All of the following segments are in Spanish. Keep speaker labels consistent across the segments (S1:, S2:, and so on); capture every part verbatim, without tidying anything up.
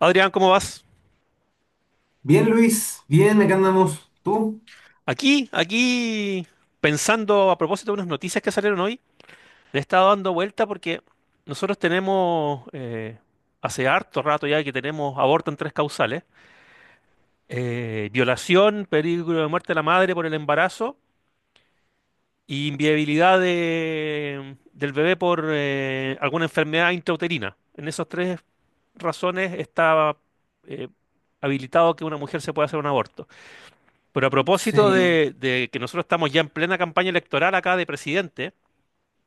S1: Adrián, ¿cómo vas?
S2: Bien, Luis, bien, acá andamos. ¿Tú?
S1: Aquí, aquí, pensando a propósito de unas noticias que salieron hoy, le he estado dando vuelta porque nosotros tenemos, eh, hace harto rato ya que tenemos aborto en tres causales, eh, violación, peligro de muerte de la madre por el embarazo y inviabilidad de- del bebé por eh, alguna enfermedad intrauterina. En esas tres razones está eh, habilitado que una mujer se pueda hacer un aborto. Pero a propósito
S2: Sí,
S1: de, de que nosotros estamos ya en plena campaña electoral acá de presidente,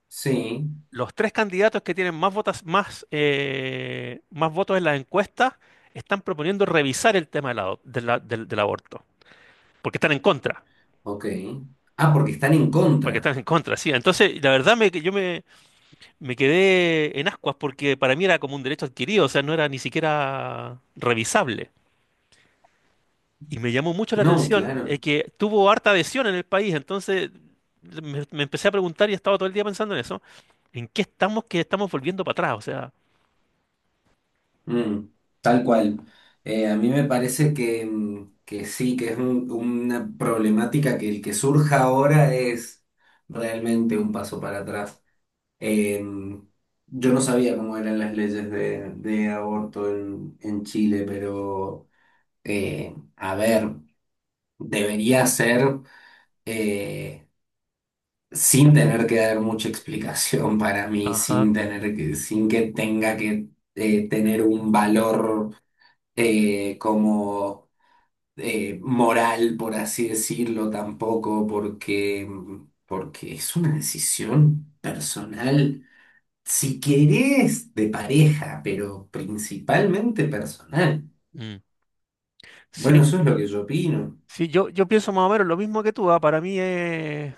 S2: sí,
S1: los tres candidatos que tienen más votas, más, eh, más votos en las encuestas están proponiendo revisar el tema de la- de la- del, del aborto, porque están en contra,
S2: ok. Ah, porque están en
S1: porque
S2: contra.
S1: están en contra, sí. Entonces, la verdad me, yo me, me quedé en ascuas porque para mí era como un derecho adquirido, o sea, no era ni siquiera revisable. Y me llamó mucho la
S2: No,
S1: atención eh,
S2: claro.
S1: que tuvo harta adhesión en el país. Entonces me, me empecé a preguntar y he estado todo el día pensando en eso. ¿En qué estamos que estamos volviendo para atrás? O sea,
S2: Mm, tal cual. Eh, a mí me parece que, mm, que sí, que es un- una problemática que el que surja ahora es realmente un paso para atrás. Em, yo no sabía cómo eran las leyes de, de aborto en, en Chile, pero eh, a ver, debería ser... eh, sin tener que dar mucha explicación para mí,
S1: ajá.
S2: sin tener que, sin que tenga que eh, tener un valor eh, como eh, moral, por así decirlo, tampoco, porque, porque es una decisión personal, si querés, de pareja, pero principalmente personal.
S1: Mm,
S2: Bueno,
S1: sí,
S2: eso es lo que yo opino.
S1: sí, yo, yo pienso más o menos lo mismo que tú, ah, Para mí es,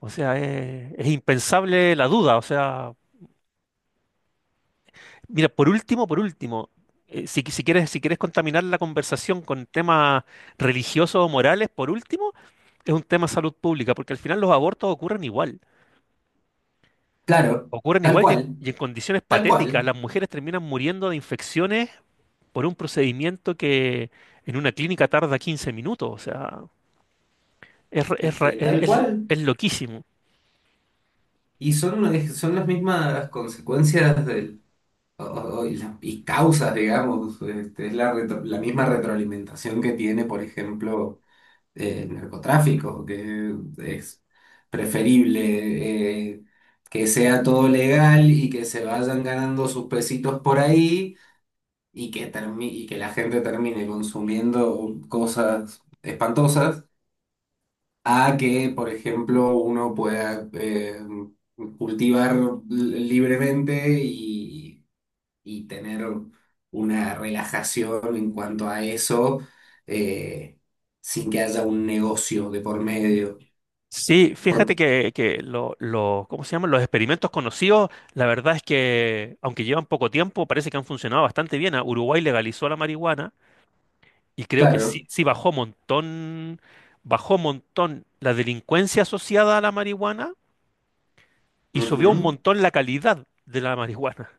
S1: o sea, es, es impensable la duda. O sea, mira, por último, por último, eh, si, si quieres, si quieres contaminar la conversación con temas religiosos o morales, por último, es un tema de salud pública, porque al final los abortos ocurren igual.
S2: Claro,
S1: Ocurren
S2: tal
S1: igual y en,
S2: cual,
S1: y en condiciones
S2: tal
S1: patéticas.
S2: cual.
S1: Las mujeres terminan muriendo de infecciones por un procedimiento que en una clínica tarda quince minutos. O sea, es, re-
S2: Es
S1: es, re-
S2: que tal
S1: es- es-
S2: cual.
S1: es loquísimo.
S2: Y son, eh, son las mismas consecuencias del, o- o- y las- y causas, digamos. Este, es la, retro- la misma retroalimentación que tiene, por ejemplo, eh, el narcotráfico, que es preferible eh, que sea todo legal y que se vayan ganando sus pesitos por ahí y que, termi- y que la gente termine consumiendo cosas espantosas a que, por ejemplo, uno pueda eh, cultivar li- libremente y, y tener una relajación en cuanto a eso, eh, sin que haya un negocio de por medio.
S1: Sí,
S2: Por-
S1: fíjate que, que lo- lo- ¿cómo se llaman? Los experimentos conocidos, la verdad es que, aunque llevan poco tiempo, parece que han funcionado bastante bien. A Uruguay legalizó la marihuana y creo que
S2: claro.
S1: sí, sí bajó montón, bajó montón la delincuencia asociada a la marihuana y subió un
S2: Ujú.
S1: montón la calidad de la marihuana.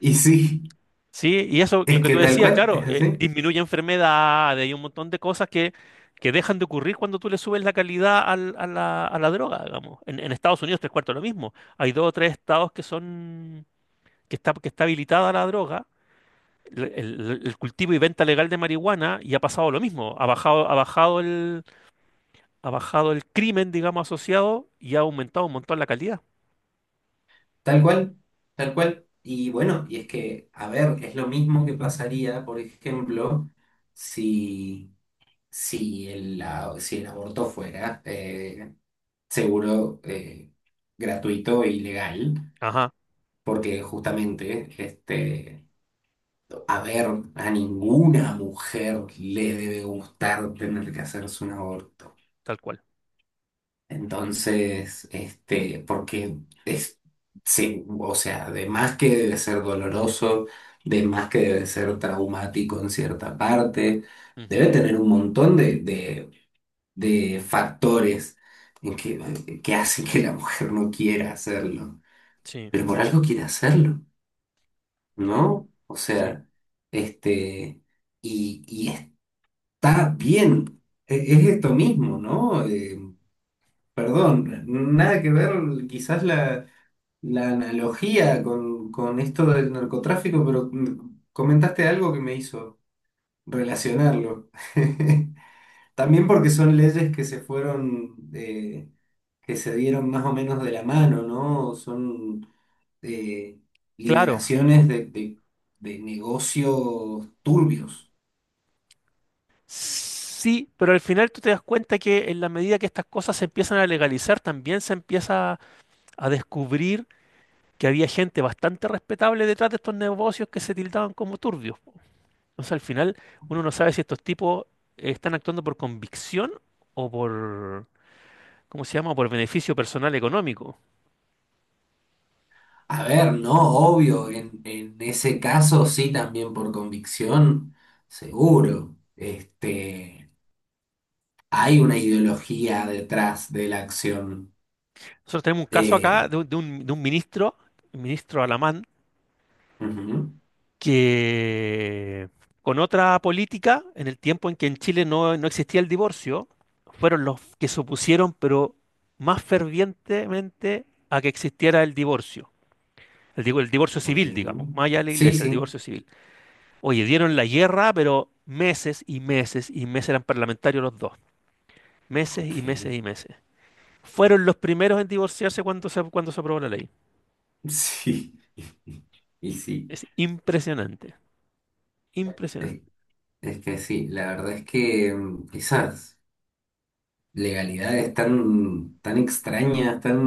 S2: Y sí,
S1: Sí, y eso, lo
S2: es
S1: que
S2: que
S1: tú
S2: tal
S1: decías,
S2: cual,
S1: claro,
S2: es
S1: eh,
S2: así,
S1: disminuye enfermedades y un montón de cosas que, que dejan de ocurrir cuando tú le subes la calidad al- a la, a la droga, digamos. En, en Estados Unidos, tres cuartos lo mismo. Hay dos o tres estados que son, que está, que está habilitada la droga, el, el- el cultivo y venta legal de marihuana, y ha pasado lo mismo. Ha bajado, ha bajado el, ha bajado el crimen, digamos, asociado y ha aumentado un montón la calidad.
S2: tal cual, tal cual. Y bueno, y es que, a ver, es lo mismo que pasaría, por ejemplo, si si el, la- si el aborto fuera eh, seguro, eh, gratuito y legal,
S1: Ajá,
S2: porque justamente este, a ver, a ninguna mujer le debe gustar tener que hacerse un aborto.
S1: tal cual.
S2: Entonces, este, porque es, sí, o sea, de más que debe ser doloroso, de más que debe ser traumático en cierta parte,
S1: Ujú.
S2: debe tener un montón de, de de factores en que, que hacen que la mujer no quiera hacerlo,
S1: Sí,
S2: pero por algo quiere hacerlo, ¿no? O
S1: sí.
S2: sea, este, y, y está bien. E- es, esto mismo, ¿no? Eh, perdón, nada que ver quizás la, la analogía con, con esto del narcotráfico, pero mm, comentaste algo que me hizo relacionarlo. También porque son leyes que se fueron, eh, que se dieron más o menos de la mano, ¿no? Son eh,
S1: Claro.
S2: liberaciones de, de- de negocios turbios.
S1: Sí, pero al final tú te das cuenta que en la medida que estas cosas se empiezan a legalizar, también se empieza a descubrir que había gente bastante respetable detrás de estos negocios que se tildaban como turbios. O sea, al final uno no sabe si estos tipos eh, están actuando por convicción o por, ¿cómo se llama?, por beneficio personal económico.
S2: A ver, no, obvio, en, en ese caso sí, también por convicción, seguro. Este, hay una ideología detrás de la acción.
S1: Nosotros tenemos un caso acá
S2: Eh,
S1: de, un, de un- de un ministro, un ministro alemán, que con otra política, en el tiempo en que en Chile no, no existía el divorcio, fueron los que se opusieron, pero más fervientemente a que existiera el divorcio. El, digo, el divorcio
S2: ujú, ok.
S1: civil, digamos, más allá de la
S2: Sí,
S1: iglesia, el
S2: sí.
S1: divorcio civil. Oye, dieron la guerra, pero meses y meses y meses eran parlamentarios los dos. Meses y
S2: Ok.
S1: meses y meses. Fueron los primeros en divorciarse cuando se, cuando se aprobó la ley.
S2: Sí, y sí.
S1: Es impresionante, impresionante.
S2: Es que sí, la verdad es que mm, esas legalidades tan, tan extrañas, tan...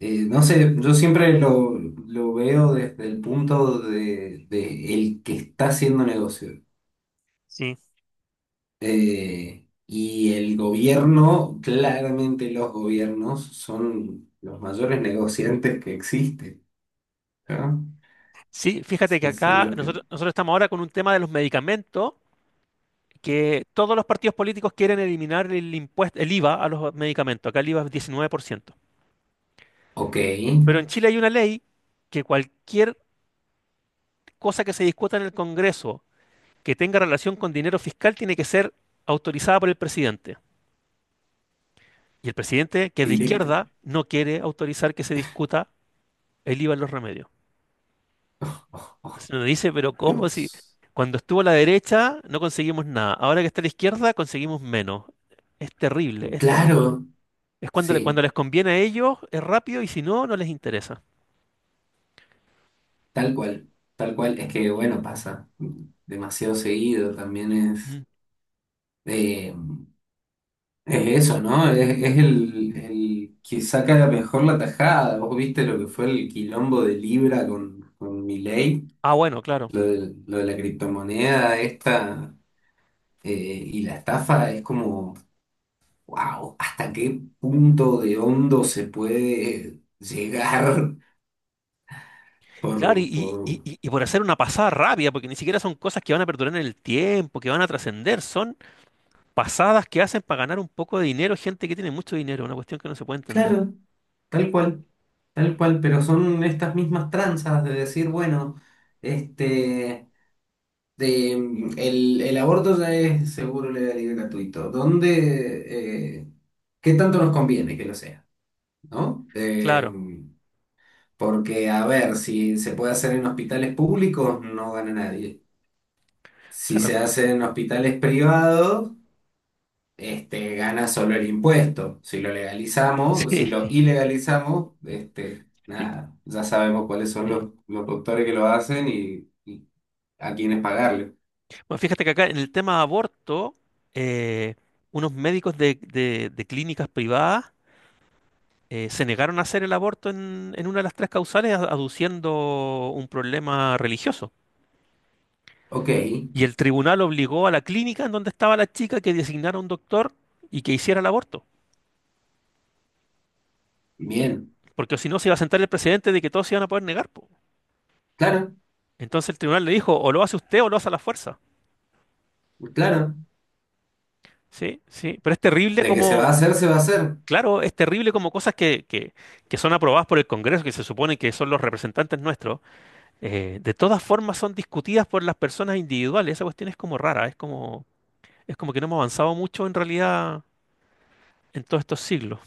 S2: eh, no sé, yo siempre lo, lo veo desde el punto de, de el que está haciendo negocio.
S1: Sí,
S2: Eh, y el gobierno, claramente los gobiernos son los mayores negociantes que existen, ¿no? O
S1: sí, fíjate que
S2: sea, son
S1: acá
S2: los que...
S1: nosotros, nosotros estamos ahora con un tema de los medicamentos, que todos los partidos políticos quieren eliminar el impuesto, el IVA a los medicamentos. Acá el IVA es diecinueve por ciento.
S2: ok,
S1: Pero en Chile hay una ley que cualquier cosa que se discuta en el Congreso que tenga relación con dinero fiscal tiene que ser autorizada por el presidente. Y el presidente, que es de
S2: directo.
S1: izquierda, no quiere autorizar que se discuta el IVA en los remedios.
S2: Oh, oh,
S1: Se lo dice, pero ¿cómo si
S2: Dios.
S1: cuando estuvo a la derecha no conseguimos nada? Ahora que está a la izquierda conseguimos menos. Es terrible, es terrible.
S2: Claro,
S1: Es cuando, le- cuando
S2: sí.
S1: les conviene a ellos, es rápido y si no, no les interesa.
S2: Tal cual, tal cual. Es que, bueno, pasa demasiado seguido. También es,
S1: Mm.
S2: eh, es eso, ¿no? Es, es el, el que saca la mejor la tajada. Vos viste lo que fue el quilombo de Libra con, con Milei,
S1: Ah, bueno, claro.
S2: lo de, lo de la criptomoneda esta eh, y la estafa es como, wow, ¿hasta qué punto de hondo se puede llegar
S1: Claro,
S2: por, por...
S1: y- y- y- y por hacer una pasada rápida, porque ni siquiera son cosas que van a perdurar en el tiempo, que van a trascender, son pasadas que hacen para ganar un poco de dinero gente que tiene mucho dinero, una cuestión que no se puede entender.
S2: claro. Tal cual, tal cual, pero son estas mismas tranzas de decir, bueno, este, de, mm, el, el aborto ya es seguro, legal y gratuito. ¿Dónde, eh, qué tanto nos conviene que lo sea, ¿no? Eh,
S1: Claro,
S2: porque, a ver, si se puede hacer en hospitales públicos, no gana nadie. Si
S1: claro.
S2: se hace en hospitales privados, este, gana solo el impuesto. Si lo legalizamos, si lo ilegalizamos, este,
S1: Sí.
S2: nada, ya sabemos cuáles son los,
S1: Sí.
S2: los doctores que lo hacen y, y a quiénes pagarle.
S1: Bueno, fíjate que acá en el tema aborto, eh, unos médicos de, de- de clínicas privadas eh, se negaron a hacer el aborto en, en una de las tres causales, a- aduciendo un problema religioso.
S2: Ok,
S1: Y el tribunal obligó a la clínica en donde estaba la chica que designara un doctor y que hiciera el aborto. Y-
S2: bien,
S1: Porque si no se iba a sentar el precedente de que todos se iban a poder negar, po.
S2: claro,
S1: Entonces el tribunal le dijo, o lo hace usted o lo hace a la fuerza.
S2: claro.
S1: Sí, sí, pero es terrible
S2: De que se va
S1: como.
S2: a hacer, se va a hacer.
S1: Claro, es terrible como cosas que, que- que son aprobadas por el Congreso, que se supone que son los representantes nuestros, eh, de todas formas son discutidas por las personas individuales. Esa cuestión es como rara, es como, es como que no hemos avanzado mucho en realidad en todos estos siglos.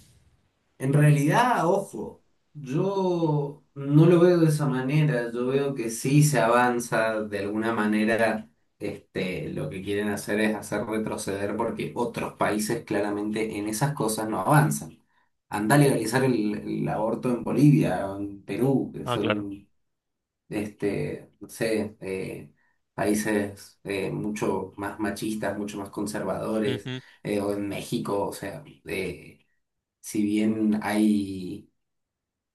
S2: En realidad, ojo, yo no lo veo de esa manera, yo veo que sí se avanza de alguna manera, este, lo que quieren hacer es hacer retroceder porque otros países claramente en esas cosas no avanzan. Anda a legalizar el, el aborto en Bolivia, o en Perú, que
S1: Ah, claro.
S2: son, este, no sé, eh, países eh, mucho más machistas, mucho más conservadores,
S1: Ujú.
S2: eh, o en México, o sea... eh, si bien hay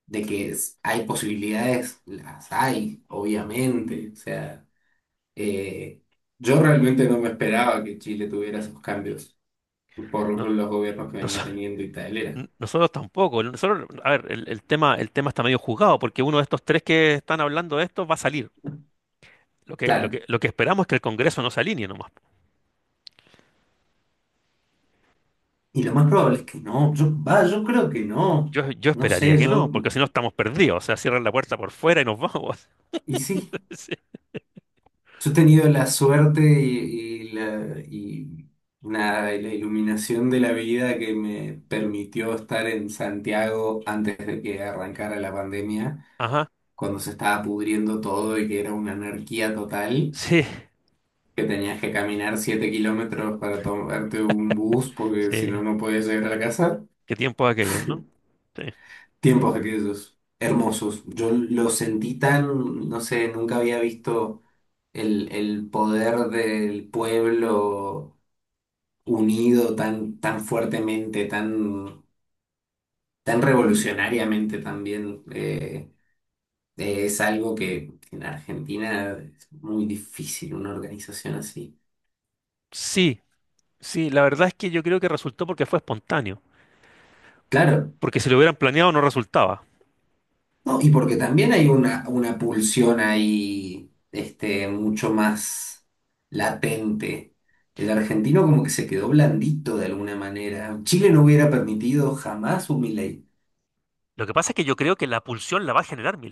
S2: de que es- hay posibilidades, las hay, obviamente. O sea, eh, yo realmente no me esperaba que Chile tuviera esos cambios por
S1: No-
S2: los gobiernos que
S1: noso-
S2: venía teniendo y tal. Era
S1: n-
S2: como,
S1: nosotros tampoco. No, nosotros, a ver, el, el tema, el tema está medio juzgado, porque uno de estos tres que están hablando de esto va a salir. Lo que, lo
S2: claro.
S1: que, lo que esperamos es que el Congreso no se alinee nomás.
S2: Y lo más probable es que no. Yo, va, yo creo que no.
S1: Yo, yo
S2: No
S1: esperaría
S2: sé,
S1: que no,
S2: yo.
S1: porque si no estamos perdidos. O sea, cierran la puerta por fuera y nos vamos.
S2: Y sí,
S1: Sí.
S2: yo he tenido la suerte y, y la, y nada, y la iluminación de la vida que me permitió estar en Santiago antes de que arrancara la pandemia,
S1: Ajá,
S2: cuando se estaba pudriendo todo y que era una anarquía total,
S1: sí,
S2: que tenías que caminar siete kilómetros para tomarte un bus porque si no,
S1: sí.
S2: no podías llegar a la casa.
S1: Qué tiempo aquellos, ¿no? Sí.
S2: Tiempos aquellos hermosos. Yo lo sentí tan, no sé, nunca había visto el, el poder del pueblo unido tan, tan fuertemente, tan, tan revolucionariamente también. Eh, eh, es algo que en Argentina es muy difícil, una organización así.
S1: Sí, sí, la verdad es que yo creo que resultó porque fue espontáneo.
S2: Claro,
S1: Porque si lo hubieran planeado no resultaba.
S2: no, y porque también hay una, una pulsión ahí, este, mucho más latente. El argentino como que se quedó blandito de alguna manera. Chile no hubiera permitido jamás un Milei.
S1: Lo que pasa es que yo creo que la pulsión la va a generar mi.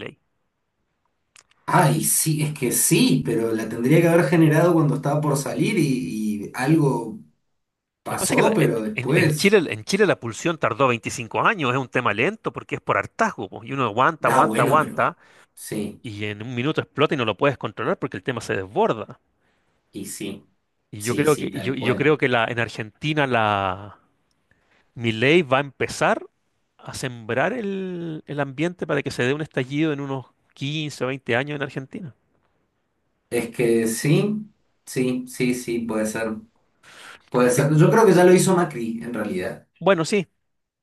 S2: Ay, sí, es que sí, pero la tendría que haber generado cuando estaba por salir y, y algo
S1: Lo que pasa es que
S2: pasó,
S1: la- en,
S2: pero
S1: en- en
S2: después.
S1: Chile, en Chile la pulsión tardó veinticinco años, es un tema lento porque es por hartazgo, po, y uno aguanta,
S2: Ah,
S1: aguanta,
S2: bueno,
S1: aguanta,
S2: pero sí,
S1: y en un minuto explota y no lo puedes controlar porque el tema se desborda.
S2: y sí,
S1: Y yo
S2: sí,
S1: creo que,
S2: sí,
S1: y yo,
S2: tal
S1: y yo
S2: cual.
S1: creo que la, en Argentina la Milei va a empezar a sembrar el, el ambiente para que se dé un estallido en unos quince o veinte años en Argentina.
S2: Es que sí, sí, sí, sí, puede ser. Puede
S1: Que-
S2: ser, yo creo que ya lo hizo Macri en realidad,
S1: Bueno, sí,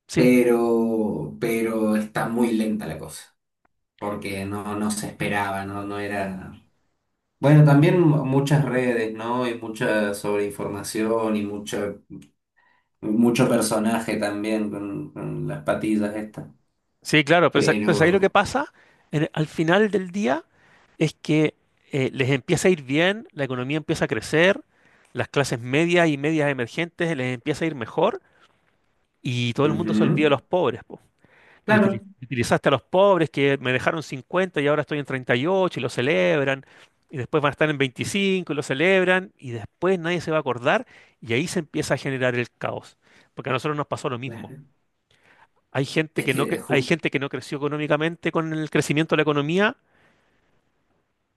S1: sí,
S2: pero, pero está muy lenta la cosa, porque no, no se esperaba, no, no era... Bueno, también mu- muchas redes, ¿no? Y mucha sobreinformación y mucho, mucho personaje también con, con las patillas estas,
S1: sí, claro, pero, sa- pero ahí lo que
S2: pero...
S1: pasa en- al final del día es que eh, les empieza a ir bien, la economía empieza a crecer, las clases medias y medias emergentes les empieza a ir mejor y todo el mundo
S2: ujú,
S1: se olvida de los pobres, po. Y
S2: claro,
S1: utili- utilizaste a los pobres que me dejaron cincuenta y ahora estoy en treinta y ocho y ocho y lo celebran. Y después van a estar en veinticinco y lo celebran. Y después nadie se va a acordar. Y ahí se empieza a generar el caos. Porque a nosotros nos pasó lo mismo.
S2: claro.
S1: Hay gente
S2: Es
S1: que no,
S2: que,
S1: cre- hay
S2: ju-
S1: gente que no creció económicamente con el crecimiento de la economía.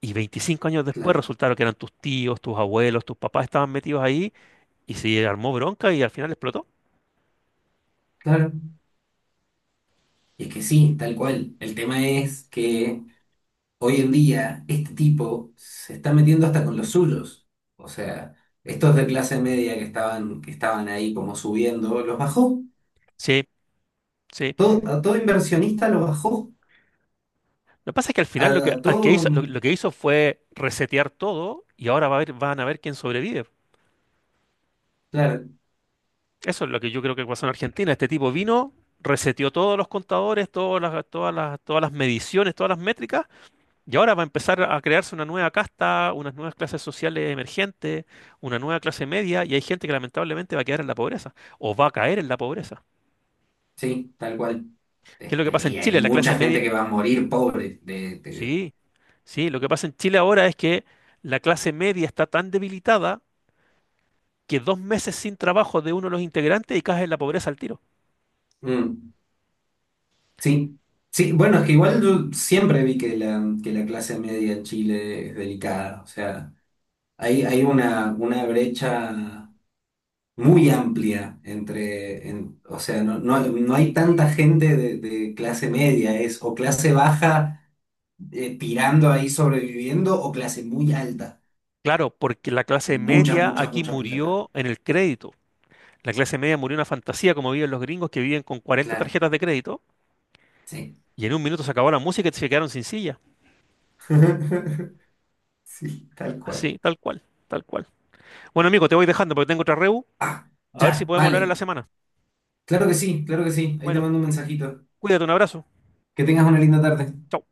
S1: Y veinticinco años después
S2: claro,
S1: resultaron que eran tus tíos, tus abuelos, tus papás estaban metidos ahí. Y se armó bronca y al final explotó.
S2: claro. Y es que sí, tal cual. El tema es que... hoy en día este tipo se está metiendo hasta con los suyos. O sea, estos de clase media que estaban, que estaban ahí como subiendo, los bajó.
S1: Sí, sí.
S2: Todo, a todo inversionista lo bajó.
S1: Lo que pasa es que al
S2: A,
S1: final lo que,
S2: a
S1: al que
S2: todo,
S1: hizo, lo, lo que hizo fue resetear todo y ahora va a haber- van a ver quién sobrevive.
S2: claro,
S1: Eso es lo que yo creo que pasó en Argentina. Este tipo vino, reseteó todos los contadores, todas las, todas las, todas las mediciones, todas las métricas, y ahora va a empezar a crearse una nueva casta, unas nuevas clases sociales emergentes, una nueva clase media, y hay gente que lamentablemente va a quedar en la pobreza, o va a caer en la pobreza.
S2: sí, tal cual.
S1: ¿Qué es lo que
S2: Este,
S1: pasa en
S2: y hay
S1: Chile? La clase
S2: mucha
S1: media.
S2: gente que va a morir pobre. De, de-
S1: Sí, sí, lo que pasa en Chile ahora es que la clase media está tan debilitada que dos meses sin trabajo de uno de los integrantes y caes en la pobreza al tiro.
S2: mm, sí.
S1: Sí,
S2: Sí, bueno, es que igual yo siempre vi que la, que la clase media en Chile es delicada. O sea, hay, hay una, una brecha muy amplia entre, en- o sea, no, no, no hay tanta gente de, de clase media, es o clase baja eh, tirando ahí sobreviviendo o clase muy alta,
S1: claro, porque la
S2: con
S1: clase
S2: mucha,
S1: media
S2: mucha,
S1: aquí
S2: mucha plata.
S1: murió en el crédito. La clase media murió en una fantasía como viven los gringos que viven con cuarenta
S2: Claro,
S1: tarjetas de crédito
S2: sí.
S1: y en un minuto se acabó la música y se quedaron sin silla.
S2: Sí, tal cual.
S1: Así, tal cual, tal cual. Bueno, amigo, te voy dejando porque tengo otra reu.
S2: Ah,
S1: A ver si
S2: ya,
S1: podemos hablar en
S2: vale.
S1: la semana.
S2: Claro que sí, claro que sí. Ahí te
S1: Bueno,
S2: mando un mensajito.
S1: cuídate, un abrazo.
S2: Que tengas una linda tarde.
S1: Chao.